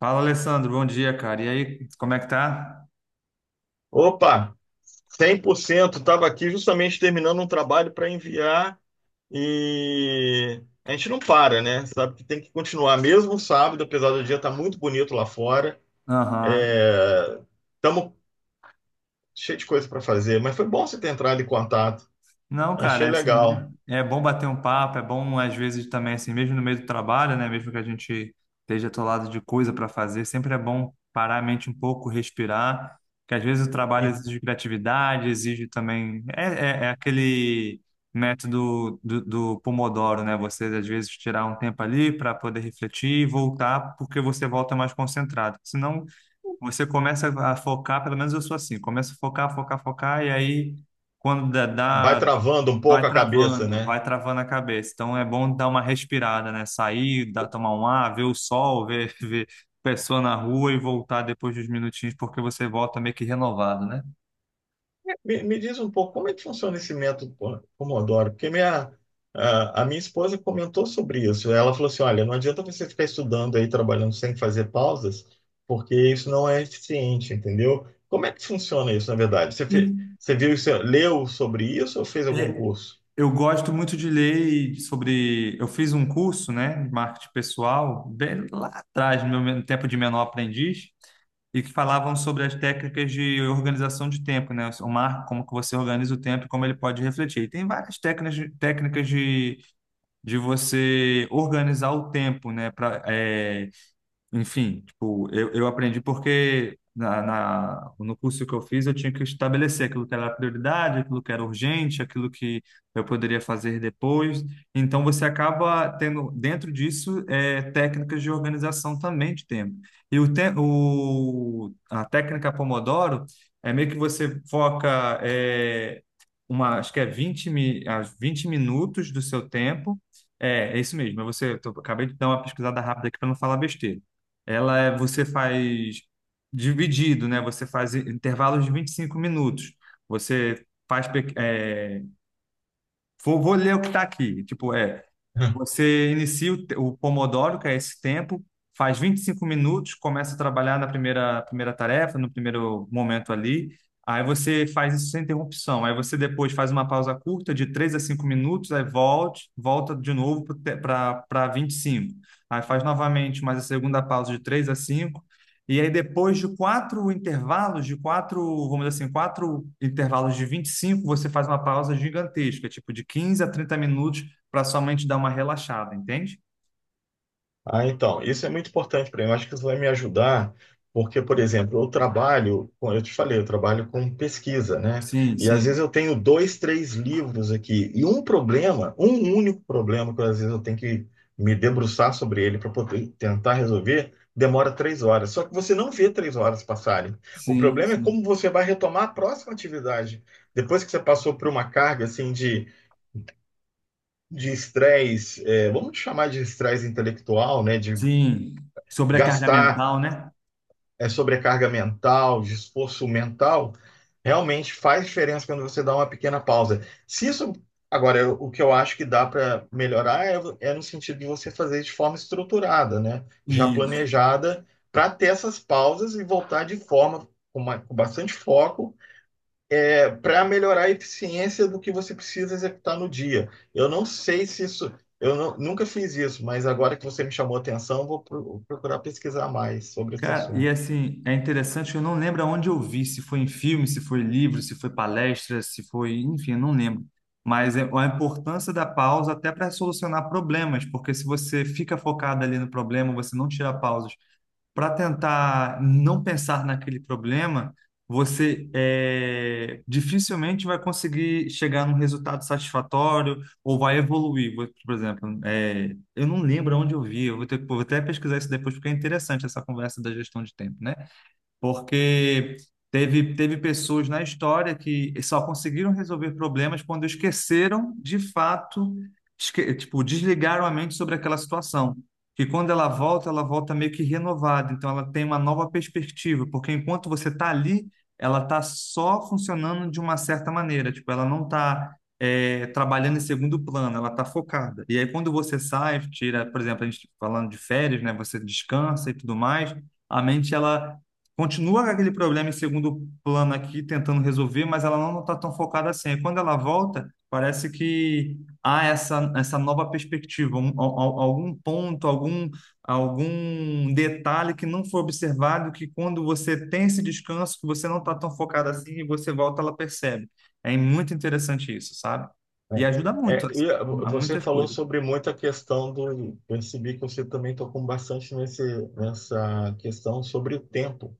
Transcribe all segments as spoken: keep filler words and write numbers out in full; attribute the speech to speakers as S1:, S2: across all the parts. S1: Fala, Alessandro, bom dia, cara. E aí, como é que tá?
S2: Opa, cem por cento. Estava aqui justamente terminando um trabalho para enviar e a gente não para, né? Sabe que tem que continuar mesmo sábado, apesar do dia estar muito bonito lá fora.
S1: Aham.
S2: É... Estamos cheio de coisa para fazer, mas foi bom você ter entrado em contato.
S1: Não, cara,
S2: Achei
S1: é assim, né?
S2: legal.
S1: é bom bater um papo, é bom às vezes também, assim, mesmo no meio do trabalho, né? Mesmo que a gente esteja atolado de coisa para fazer, sempre é bom parar a mente um pouco, respirar, que às vezes o trabalho
S2: E
S1: exige criatividade, exige também. É, é, é aquele método do, do Pomodoro, né? Você às vezes tirar um tempo ali para poder refletir e voltar, porque você volta mais concentrado. Senão você começa a focar, pelo menos eu sou assim, começa a focar, focar, focar, e aí quando dá,
S2: vai
S1: dá-
S2: travando um
S1: vai
S2: pouco a cabeça,
S1: travando,
S2: né?
S1: vai travando a cabeça. Então é bom dar uma respirada, né? Sair, dar, tomar um ar, ver o sol, ver, ver pessoa na rua e voltar depois dos minutinhos, porque você volta meio que renovado, né?
S2: Me, me diz um pouco como é que funciona esse método po- Pomodoro, porque minha, a, a minha esposa comentou sobre isso. Ela falou assim: olha, não adianta você ficar estudando aí, trabalhando sem fazer pausas, porque isso não é eficiente, entendeu? Como é que funciona isso, na verdade? Você,
S1: E,
S2: fe- você viu isso, leu sobre isso ou fez algum
S1: é,
S2: curso?
S1: eu gosto muito de ler e de- sobre. Eu fiz um curso, né, de marketing pessoal, bem lá atrás, no meu tempo de menor aprendiz, e que falavam sobre as técnicas de organização de tempo, né? O marco, como que você organiza o tempo e como ele pode refletir. E tem várias técnicas, de- técnicas de, de você organizar o tempo, né? Pra, é, enfim, tipo, eu, eu aprendi porque na, na- no curso que eu fiz eu tinha que estabelecer aquilo que era prioridade, aquilo que era urgente, aquilo que eu poderia fazer depois. Então você acaba tendo dentro disso é, técnicas de organização também de tempo. E o, te, o a técnica Pomodoro é meio que você foca é, uma, acho que é vinte mi, as vinte minutos do seu tempo. É, é isso mesmo. é Você, eu tô- acabei de dar uma pesquisada rápida aqui para não falar besteira. Ela é, você faz dividido, né? Você faz intervalos de vinte e cinco minutos. Você faz. Pe- É, vou, vou ler o que está aqui. Tipo, é você inicia o, te- o Pomodoro, que é esse tempo, faz vinte e cinco minutos, começa a trabalhar na primeira, primeira tarefa, no primeiro momento ali. Aí você faz isso sem interrupção. Aí você depois faz uma pausa curta de três a cinco minutos, aí volte, volta de novo para vinte e cinco. Aí faz novamente mais a segunda pausa de três a cinco. E aí depois de quatro intervalos, de quatro, vamos dizer assim, quatro intervalos de vinte e cinco, você faz uma pausa gigantesca, tipo de quinze a trinta minutos para sua mente dar uma relaxada, entende?
S2: Ah, então, isso é muito importante para mim. Eu acho que isso vai me ajudar, porque, por exemplo, eu trabalho, com- eu te falei, eu trabalho com pesquisa, né?
S1: Sim,
S2: E às
S1: sim,
S2: vezes eu tenho dois, três livros aqui, e um problema, um único problema que às vezes eu tenho que me debruçar sobre ele para poder tentar resolver, demora três horas. Só que você não vê três horas passarem. O
S1: sim,
S2: problema é
S1: sim,
S2: como você vai retomar a próxima atividade. Depois que você passou por uma carga assim de de estresse, é, vamos chamar de estresse intelectual, né?
S1: sim. Sobrecarga
S2: gastar
S1: mental, né?
S2: é, sobrecarga mental, de esforço mental, realmente faz diferença quando você dá uma pequena pausa. Se isso, agora, eu- o que eu acho que dá para melhorar é, é no sentido de você fazer de forma estruturada, né? Já
S1: Isso.
S2: planejada, para ter essas pausas e voltar de forma com, ma- com bastante foco, é, para melhorar a eficiência do que você precisa executar no dia. Eu não sei se isso. Eu não- nunca fiz isso, mas agora que você me chamou a atenção, vou pro- procurar pesquisar mais sobre esse
S1: Cara, e
S2: assunto.
S1: assim, é interessante, eu não lembro aonde eu vi, se foi em filme, se foi livro, se foi palestra, se foi, enfim, eu não lembro. Mas é a importância da pausa até para solucionar problemas, porque se você fica focado ali no problema, você não tira pausas para tentar não pensar naquele problema, você é, dificilmente vai conseguir chegar num resultado satisfatório ou vai evoluir. Vou- Por exemplo, é, eu não lembro onde eu vi, eu vou ter, vou até pesquisar isso depois, porque é interessante essa conversa da gestão de tempo, né? Porque teve, teve pessoas na história que só conseguiram resolver problemas quando esqueceram, de fato, esque- tipo, desligaram a mente sobre aquela situação. Que quando ela volta, ela volta meio que renovada, então ela tem uma nova perspectiva, porque enquanto você está ali, ela está só funcionando de uma certa maneira, tipo, ela não está trabalhando em segundo plano, ela está focada. E aí quando você sai, tira, por exemplo, a gente falando de férias, né, você descansa e tudo mais, a mente ela continua com aquele problema em segundo plano aqui, tentando resolver, mas ela não está tão focada assim. Aí quando ela volta, parece que há essa, essa nova perspectiva, um- al- al- algum ponto, algum, algum detalhe que não foi observado, que quando você tem esse descanso, que você não está tão focado assim, e você volta, ela percebe. É muito interessante isso, sabe? E
S2: Né?
S1: ajuda muito
S2: É,
S1: assim,
S2: e ah, vo-
S1: a
S2: você
S1: muitas
S2: falou
S1: coisas.
S2: sobre muita questão do. Percebi que você também tocou bastante nesse, nessa questão sobre o tempo.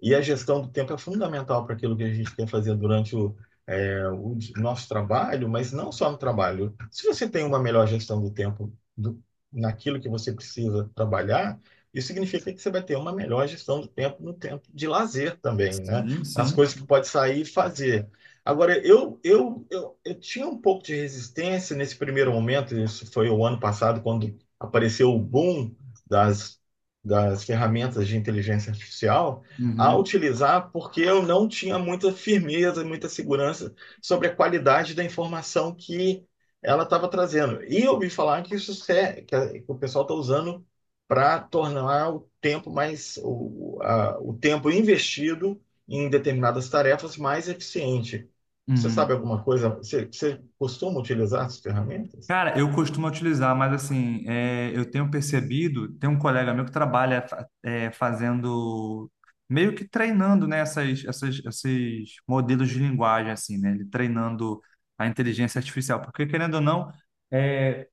S2: E a gestão do tempo é fundamental para aquilo que a gente quer fazer durante o, é, o nosso trabalho, mas não só no trabalho. Se você tem uma melhor gestão do tempo do, naquilo que você precisa trabalhar, isso significa que você vai ter uma melhor gestão do tempo no tempo de lazer também, né?
S1: Sim,
S2: As
S1: sim.
S2: coisas que pode sair e fazer. Agora, eu, eu, eu, eu tinha um pouco de resistência nesse primeiro momento, isso foi o ano passado, quando apareceu o boom das, das ferramentas de inteligência artificial, a
S1: Uhum,
S2: utilizar porque eu não tinha muita firmeza, muita segurança sobre a qualidade da informação que ela estava trazendo. E eu ouvi falar que isso é, que o pessoal está usando para tornar o tempo mais o, a- o tempo investido em determinadas tarefas mais eficiente. Você
S1: uhum.
S2: sabe alguma coisa? Você, você costuma utilizar essas ferramentas?
S1: Cara, eu costumo utilizar, mas assim, é, eu tenho percebido, tem um colega meu que trabalha fa- é, fazendo, meio que treinando, né, essas, essas, esses modelos de linguagem, assim, né, ele treinando a inteligência artificial, porque querendo ou não, é,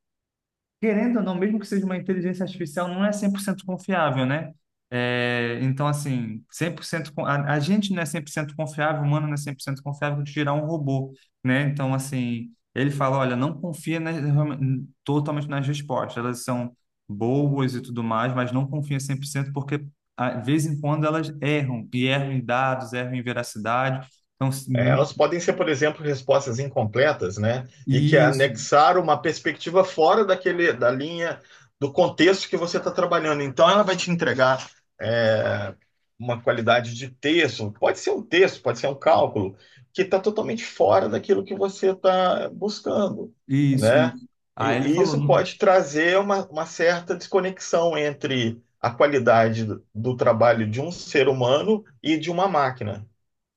S1: querendo ou não, mesmo que seja uma inteligência artificial, não é cem por cento confiável, né? É, então, assim, cem por cento con- a, a gente não é cem por cento confiável, o humano não é cem por cento confiável de gerar um robô, né? Então, assim, ele fala, olha, não confia nas- realme- totalmente nas respostas, elas são boas e tudo mais, mas não confia cem por cento porque, a- de vez em quando, elas erram, e erram em dados, erram em veracidade. Então,
S2: É,
S1: assim,
S2: elas podem ser, por exemplo, respostas incompletas, né? E que
S1: isso,
S2: anexaram uma perspectiva fora daquele, da linha do contexto que você está trabalhando. Então, ela vai te entregar é, uma qualidade de texto, pode ser um texto, pode ser um cálculo, que está totalmente fora daquilo que você está buscando,
S1: isso,
S2: né?
S1: isso. Aí ele
S2: E, e isso
S1: falou.
S2: pode trazer uma, uma certa desconexão entre a qualidade do, do trabalho de um ser humano e de uma máquina.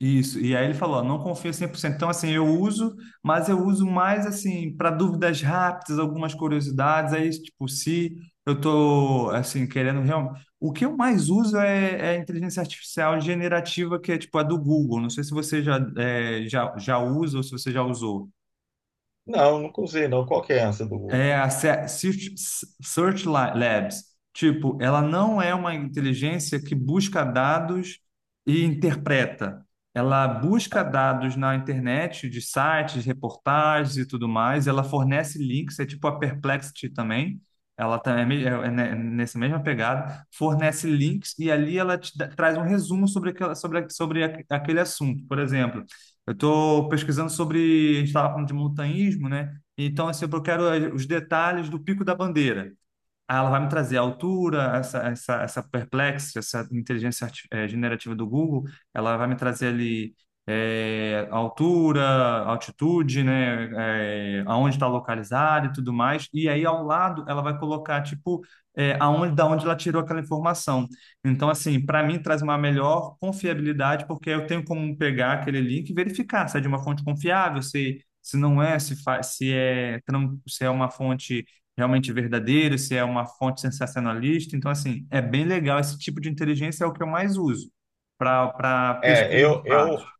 S1: Isso, e aí ele falou, ó, não confio cem por cento. Então, assim, eu uso, mas eu uso mais, assim, para dúvidas rápidas, algumas curiosidades. Aí, tipo, se eu tô, assim, querendo realmente... O que eu mais uso é, é a inteligência artificial generativa, que é, tipo, a do Google. Não sei se você já, é, já, já usa ou se você já usou.
S2: Não, nunca usei, não. Qual que é essa do...
S1: É a Se- Search Search La- Labs. Tipo, ela não é uma inteligência que busca dados e interpreta. Ela busca dados na internet, de sites, reportagens e tudo mais. Ela fornece links, é tipo a Perplexity também. Ela também é, me- é- é ne- é nessa mesma pegada, fornece links e ali ela te dá- traz um resumo sobre, aquela, sobre, a- sobre a- aquele assunto. Por exemplo, eu estou pesquisando sobre, a gente estava falando de montanhismo, né? Então, assim, eu quero eh, os detalhes do Pico da Bandeira. Ah, ela vai me trazer a altura, essa, essa, essa Perplexity, essa inteligência arti- eh, generativa do Google, ela vai me trazer ali eh, altura, altitude, né, eh, aonde está localizado e tudo mais. E aí ao lado ela vai colocar tipo eh, aonde, da onde ela tirou aquela informação. Então, assim, para mim traz uma melhor confiabilidade porque eu tenho como pegar aquele link e verificar se é de uma fonte confiável, se se não é, se, fa- se é tran- se é uma fonte realmente verdadeiro, se é uma fonte sensacionalista. Então, assim, é bem legal. Esse tipo de inteligência é o que eu mais uso para para
S2: É,
S1: pesquisa
S2: eu,
S1: de fatos.
S2: eu,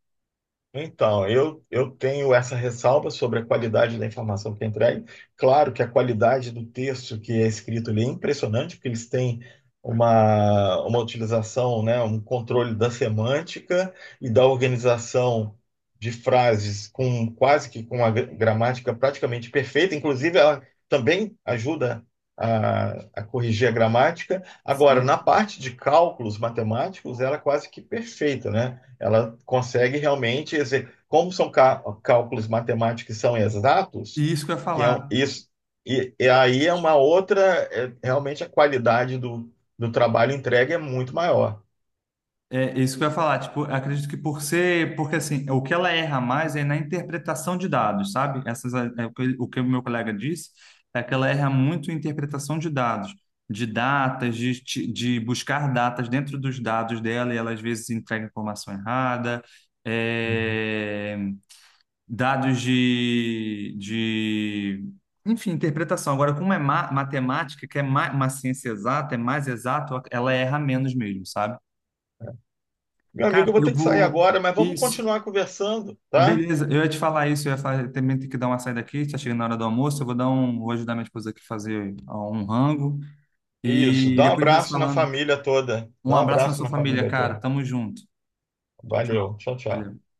S2: Então, eu, eu tenho essa ressalva sobre a qualidade da informação que é entregue. Claro que a qualidade do texto que é escrito ali é impressionante, porque eles têm uma, uma utilização, né, um controle da semântica e da organização de frases com quase que com a gra- gramática praticamente perfeita. Inclusive, ela também ajuda a, a corrigir a gramática. Agora, na
S1: Sim.
S2: parte de cálculos matemáticos, ela é quase que perfeita, né? Ela consegue realmente, exe- como são cá- cálculos matemáticos que são exatos,
S1: E isso que eu ia
S2: que é um-
S1: falar.
S2: isso, e, e aí é uma outra, é, realmente a qualidade do, do trabalho entregue é muito maior.
S1: É isso que eu ia falar. Tipo, eu acredito que por ser. Porque, assim, o que ela erra mais é na interpretação de dados, sabe? Essas, é, é o que o que o meu colega disse é que ela erra muito em interpretação de dados. De datas, de, ti- de buscar datas dentro dos dados dela, e ela às vezes entrega informação errada.
S2: Uhum.
S1: É, dados de, de, enfim, interpretação. Agora, como é ma- matemática, que é ma- uma ciência exata, é mais exato, ela erra menos mesmo, sabe?
S2: Meu amigo,
S1: Cara,
S2: eu vou
S1: eu
S2: ter que sair
S1: vou.
S2: agora, mas vamos
S1: Isso.
S2: continuar conversando, tá?
S1: Beleza, eu ia te falar isso, eu ia falar, eu também tenho que dar uma saída aqui, tá chegando na hora do almoço, eu vou dar um, vou ajudar minha esposa aqui a fazer ó, um rango
S2: Isso,
S1: e
S2: dá um
S1: depois a gente vai se
S2: abraço na
S1: falando.
S2: família toda.
S1: Um
S2: Dá um
S1: abraço na
S2: abraço
S1: sua
S2: na
S1: família,
S2: família
S1: cara.
S2: toda.
S1: Tamo junto. Tchau, tchau.
S2: Valeu, tchau, tchau.
S1: Valeu.